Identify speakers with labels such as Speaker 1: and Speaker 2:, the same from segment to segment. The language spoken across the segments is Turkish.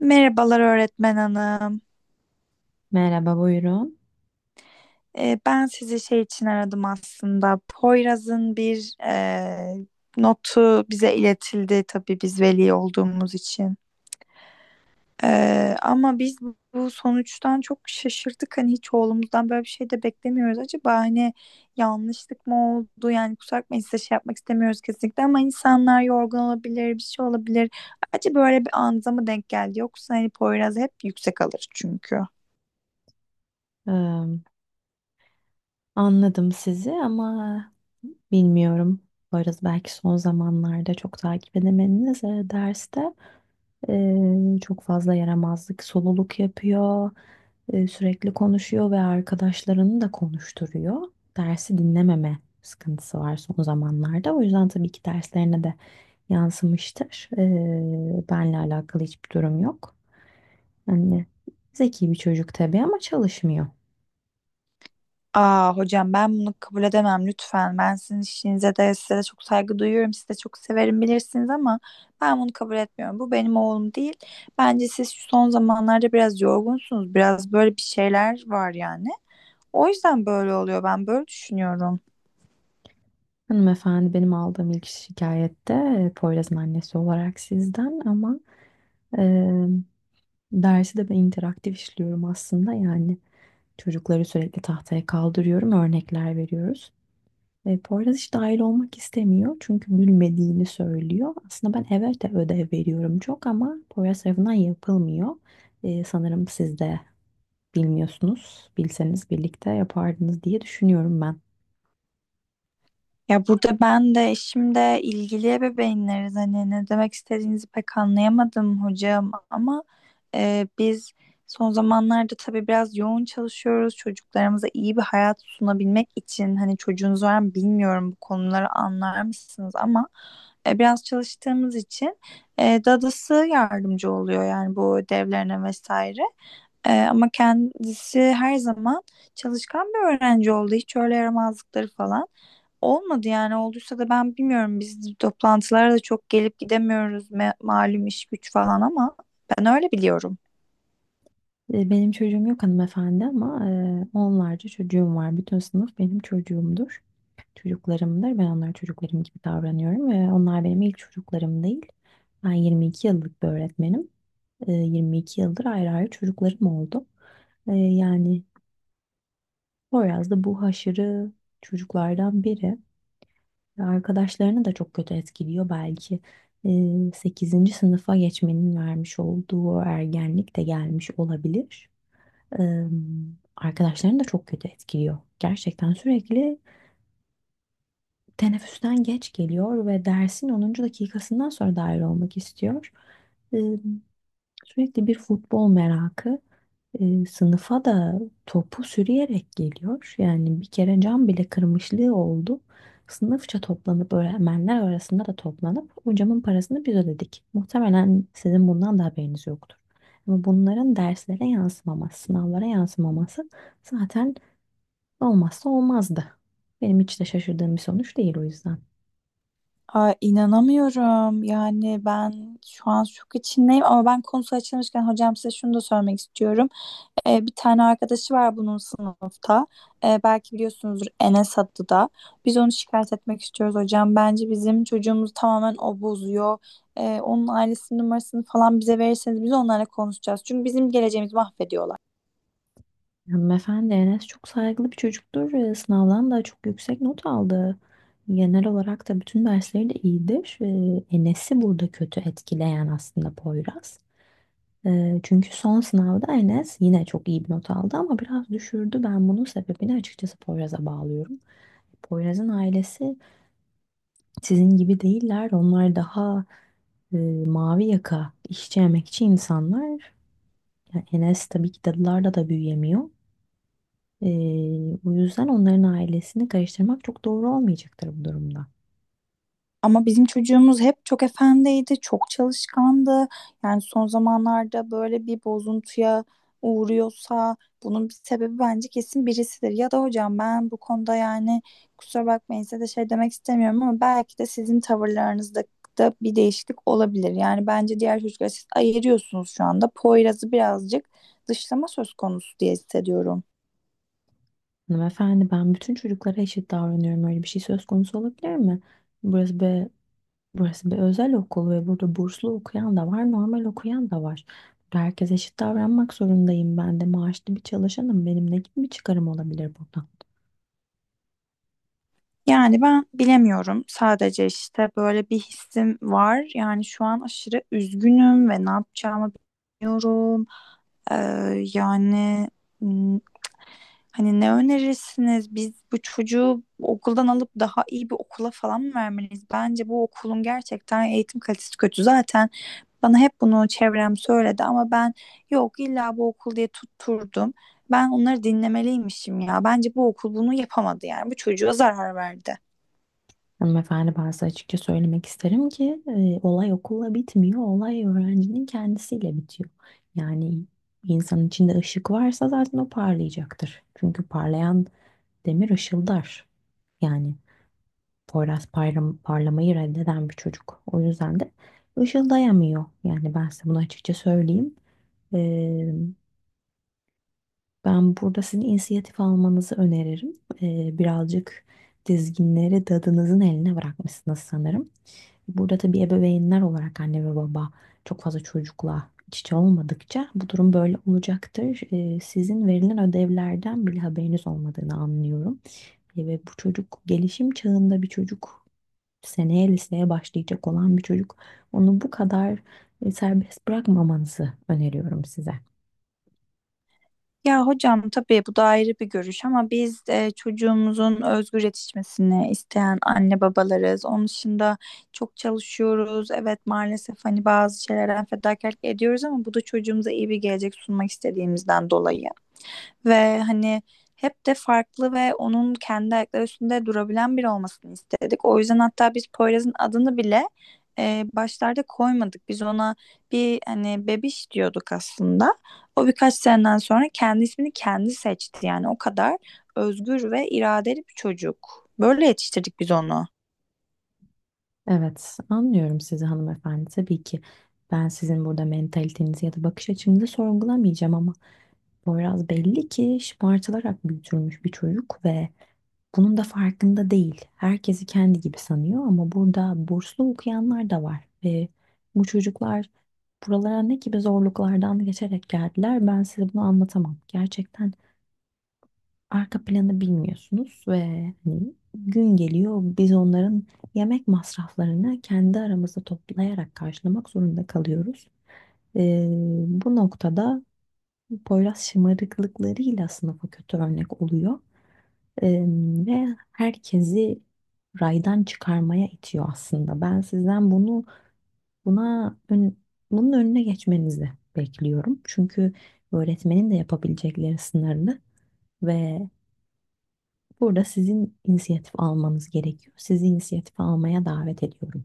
Speaker 1: Merhabalar öğretmen hanım.
Speaker 2: Merhaba, buyurun.
Speaker 1: Ben sizi şey için aradım aslında. Poyraz'ın bir notu bize iletildi tabii biz veli olduğumuz için. Ama biz bu sonuçtan çok şaşırdık. Hani hiç oğlumuzdan böyle bir şey de beklemiyoruz. Acaba hani yanlışlık mı oldu? Yani kusura bakmayın size şey yapmak istemiyoruz kesinlikle ama insanlar yorgun olabilir, bir şey olabilir. Acaba böyle bir anıza mı denk geldi? Yoksa hani Poyraz hep yüksek alır çünkü.
Speaker 2: Ee, Anladım sizi ama bilmiyorum. Varız belki son zamanlarda çok takip edemediniz. Derste çok fazla yaramazlık, soluluk yapıyor. Sürekli konuşuyor ve arkadaşlarını da konuşturuyor. Dersi dinlememe sıkıntısı var son zamanlarda. O yüzden tabii ki derslerine de yansımıştır. Benle alakalı hiçbir durum yok. Yani zeki bir çocuk tabii ama çalışmıyor.
Speaker 1: Aa hocam ben bunu kabul edemem lütfen. Ben sizin işinize de size de çok saygı duyuyorum. Sizi de çok severim bilirsiniz ama ben bunu kabul etmiyorum. Bu benim oğlum değil. Bence siz şu son zamanlarda biraz yorgunsunuz. Biraz böyle bir şeyler var yani. O yüzden böyle oluyor. Ben böyle düşünüyorum.
Speaker 2: Hanımefendi benim aldığım ilk şikayette Poyraz'ın annesi olarak sizden ama e, dersi de ben interaktif işliyorum aslında, yani çocukları sürekli tahtaya kaldırıyorum, örnekler veriyoruz. E, Poyraz hiç dahil olmak istemiyor çünkü bilmediğini söylüyor. Aslında ben evet de ödev veriyorum çok ama Poyraz tarafından yapılmıyor. Sanırım siz de bilmiyorsunuz. Bilseniz birlikte yapardınız diye düşünüyorum ben.
Speaker 1: Ya burada ben de eşimde ilgili ebeveynleriz, hani ne demek istediğinizi pek anlayamadım hocam ama biz son zamanlarda tabii biraz yoğun çalışıyoruz çocuklarımıza iyi bir hayat sunabilmek için, hani çocuğunuz var mı bilmiyorum, bu konuları anlar mısınız ama biraz çalıştığımız için dadısı yardımcı oluyor yani bu ödevlerine vesaire. Ama kendisi her zaman çalışkan bir öğrenci oldu, hiç öyle yaramazlıkları falan. Olmadı yani, olduysa da ben bilmiyorum, biz toplantılara da çok gelip gidemiyoruz, malum iş güç falan, ama ben öyle biliyorum.
Speaker 2: Benim çocuğum yok hanımefendi ama onlarca çocuğum var. Bütün sınıf benim çocuğumdur. Çocuklarımdır. Ben onlara çocuklarım gibi davranıyorum ve onlar benim ilk çocuklarım değil. Ben 22 yıllık bir öğretmenim. 22 yıldır ayrı ayrı çocuklarım oldu. Yani Poyraz da bu haşırı çocuklardan biri. Ve arkadaşlarını da çok kötü etkiliyor belki. E, 8. sınıfa geçmenin vermiş olduğu ergenlik de gelmiş olabilir. Eee, Arkadaşlarını da çok kötü etkiliyor. Gerçekten sürekli teneffüsten geç geliyor ve dersin onuncu dakikasından sonra dahil olmak istiyor. Eee, Sürekli bir futbol merakı, sınıfa da topu sürüyerek geliyor. Yani bir kere cam bile kırmışlığı oldu. Sınıfça toplanıp öğretmenler arasında da toplanıp o camın parasını biz ödedik. Muhtemelen sizin bundan da haberiniz yoktur. Ama bunların derslere yansımaması, sınavlara yansımaması zaten olmazsa olmazdı. Benim hiç de şaşırdığım bir sonuç değil o yüzden.
Speaker 1: Ay, inanamıyorum. Yani ben şu an şok içindeyim ama ben konusu açılmışken hocam size şunu da söylemek istiyorum. Bir tane arkadaşı var bunun sınıfta. Belki biliyorsunuzdur, Enes adlı da. Biz onu şikayet etmek istiyoruz hocam. Bence bizim çocuğumuzu tamamen o bozuyor. Onun ailesinin numarasını falan bize verirseniz biz onlarla konuşacağız. Çünkü bizim geleceğimizi mahvediyorlar.
Speaker 2: Hanımefendi Enes çok saygılı bir çocuktur. Sınavdan da çok yüksek not aldı. Genel olarak da bütün dersleri de iyidir. Enes'i burada kötü etkileyen aslında Poyraz. Çünkü son sınavda Enes yine çok iyi bir not aldı ama biraz düşürdü. Ben bunun sebebini açıkçası Poyraz'a bağlıyorum. Poyraz'ın ailesi sizin gibi değiller. Onlar daha e, mavi yaka, işçi emekçi insanlar. Yani Enes tabii ki dadılarda da büyüyemiyor. Ee, O yüzden onların ailesini karıştırmak çok doğru olmayacaktır bu durumda.
Speaker 1: Ama bizim çocuğumuz hep çok efendiydi, çok çalışkandı. Yani son zamanlarda böyle bir bozuntuya uğruyorsa bunun bir sebebi bence kesin birisidir. Ya da hocam ben bu konuda yani kusura bakmayın size de şey demek istemiyorum ama belki de sizin tavırlarınızda da bir değişiklik olabilir. Yani bence diğer çocuklar, siz ayırıyorsunuz şu anda. Poyraz'ı birazcık dışlama söz konusu diye hissediyorum.
Speaker 2: Hanımefendi ben bütün çocuklara eşit davranıyorum. Öyle bir şey söz konusu olabilir mi? Burası bir, Burası bir özel okul ve burada burslu okuyan da var, normal okuyan da var. Burada herkese eşit davranmak zorundayım. Ben de maaşlı bir çalışanım. Benim ne gibi bir çıkarım olabilir burada?
Speaker 1: Yani ben bilemiyorum. Sadece işte böyle bir hissim var. Yani şu an aşırı üzgünüm ve ne yapacağımı bilmiyorum. Ee, yani m, Hani ne önerirsiniz? Biz bu çocuğu okuldan alıp daha iyi bir okula falan mı vermeliyiz? Bence bu okulun gerçekten eğitim kalitesi kötü. Zaten bana hep bunu çevrem söyledi ama ben yok illa bu okul diye tutturdum. Ben onları dinlemeliymişim ya. Bence bu okul bunu yapamadı yani. Bu çocuğa zarar verdi.
Speaker 2: Hanımefendi ben size açıkça söylemek isterim ki olay okulla bitmiyor. Olay öğrencinin kendisiyle bitiyor. Yani bir insanın içinde ışık varsa zaten o parlayacaktır. Çünkü parlayan demir ışıldar. Yani parlamayı reddeden bir çocuk. O yüzden de ışıldayamıyor. Yani ben size bunu açıkça söyleyeyim. Ee, Ben burada sizin inisiyatif almanızı öneririm. Birazcık dizginleri dadınızın eline bırakmışsınız sanırım. Burada tabii ebeveynler olarak anne ve baba çok fazla çocukla iç içe olmadıkça bu durum böyle olacaktır. Sizin verilen ödevlerden bile haberiniz olmadığını anlıyorum. Ve bu çocuk gelişim çağında bir çocuk, seneye liseye başlayacak olan bir çocuk, onu bu kadar serbest bırakmamanızı öneriyorum size.
Speaker 1: Ya hocam tabii bu da ayrı bir görüş, ama biz çocuğumuzun özgür yetişmesini isteyen anne babalarız. Onun dışında çok çalışıyoruz. Evet maalesef hani bazı şeylerden fedakarlık ediyoruz ama bu da çocuğumuza iyi bir gelecek sunmak istediğimizden dolayı. Ve hani hep de farklı ve onun kendi ayakları üstünde durabilen biri olmasını istedik. O yüzden hatta biz Poyraz'ın adını bile başlarda koymadık. Biz ona bir hani bebiş diyorduk aslında. O birkaç seneden sonra kendi ismini kendi seçti. Yani o kadar özgür ve iradeli bir çocuk. Böyle yetiştirdik biz onu.
Speaker 2: Evet, anlıyorum sizi hanımefendi. Tabii ki ben sizin burada mentalitenizi ya da bakış açınızı sorgulamayacağım ama Poyraz belli ki şımartılarak büyütülmüş bir çocuk ve bunun da farkında değil. Herkesi kendi gibi sanıyor ama burada burslu okuyanlar da var. Ve bu çocuklar buralara ne gibi zorluklardan geçerek geldiler, ben size bunu anlatamam. Gerçekten arka planı bilmiyorsunuz ve hani gün geliyor biz onların yemek masraflarını kendi aramızda toplayarak karşılamak zorunda kalıyoruz. Ee, Bu noktada Poyraz şımarıklıklarıyla sınıfa kötü örnek oluyor. Ee, Ve herkesi raydan çıkarmaya itiyor aslında. Ben sizden buna ön- bunun önüne geçmenizi bekliyorum. Çünkü öğretmenin de yapabilecekleri sınırlı ve burada sizin inisiyatif almanız gerekiyor. Sizi inisiyatife almaya davet ediyorum.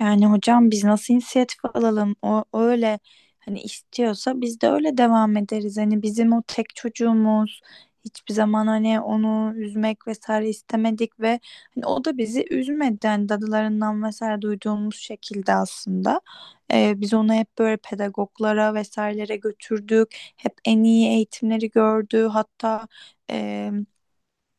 Speaker 1: Yani hocam biz nasıl inisiyatif alalım? O öyle hani istiyorsa biz de öyle devam ederiz. Hani bizim o tek çocuğumuz hiçbir zaman hani onu üzmek vesaire istemedik ve hani o da bizi üzmedi. Yani dadılarından vesaire duyduğumuz şekilde aslında. Biz onu hep böyle pedagoglara vesairelere götürdük. Hep en iyi eğitimleri gördü. Hatta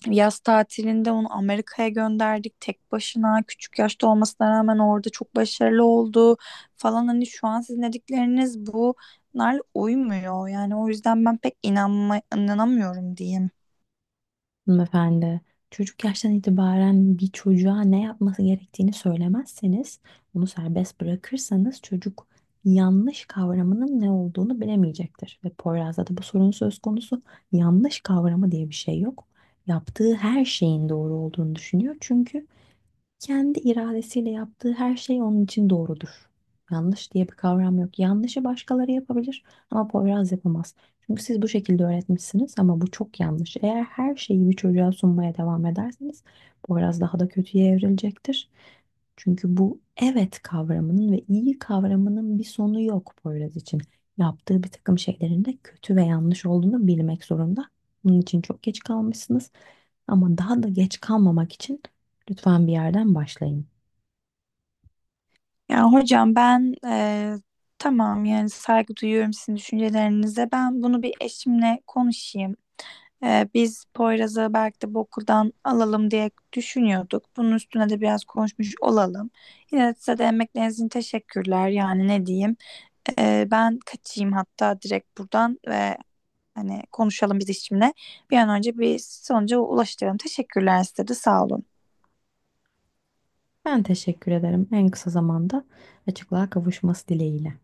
Speaker 1: yaz tatilinde onu Amerika'ya gönderdik tek başına. Küçük yaşta olmasına rağmen orada çok başarılı oldu falan. Hani şu an sizin dedikleriniz bunlar uymuyor. Yani o yüzden ben inanamıyorum diyeyim.
Speaker 2: Hanımefendi, çocuk yaştan itibaren bir çocuğa ne yapması gerektiğini söylemezseniz, onu serbest bırakırsanız çocuk yanlış kavramının ne olduğunu bilemeyecektir. Ve Poyraz'da da bu sorun söz konusu. Yanlış kavramı diye bir şey yok. Yaptığı her şeyin doğru olduğunu düşünüyor. Çünkü kendi iradesiyle yaptığı her şey onun için doğrudur. Yanlış diye bir kavram yok. Yanlışı başkaları yapabilir ama Poyraz yapamaz. Çünkü siz bu şekilde öğretmişsiniz ama bu çok yanlış. Eğer her şeyi bir çocuğa sunmaya devam ederseniz Poyraz daha da kötüye evrilecektir. Çünkü bu evet kavramının ve iyi kavramının bir sonu yok Poyraz için. Yaptığı bir takım şeylerin de kötü ve yanlış olduğunu bilmek zorunda. Bunun için çok geç kalmışsınız. Ama daha da geç kalmamak için lütfen bir yerden başlayın.
Speaker 1: Yani hocam ben tamam yani saygı duyuyorum sizin düşüncelerinize. Ben bunu bir eşimle konuşayım. Biz Poyraz'ı belki de bu okuldan alalım diye düşünüyorduk. Bunun üstüne de biraz konuşmuş olalım. Yine de size de emekleriniz için teşekkürler. Yani ne diyeyim. Ben kaçayım hatta direkt buradan ve hani konuşalım biz işimle. Bir an önce bir sonuca ulaştıralım. Teşekkürler, size de sağ olun.
Speaker 2: Ben teşekkür ederim. En kısa zamanda açıklığa kavuşması dileğiyle.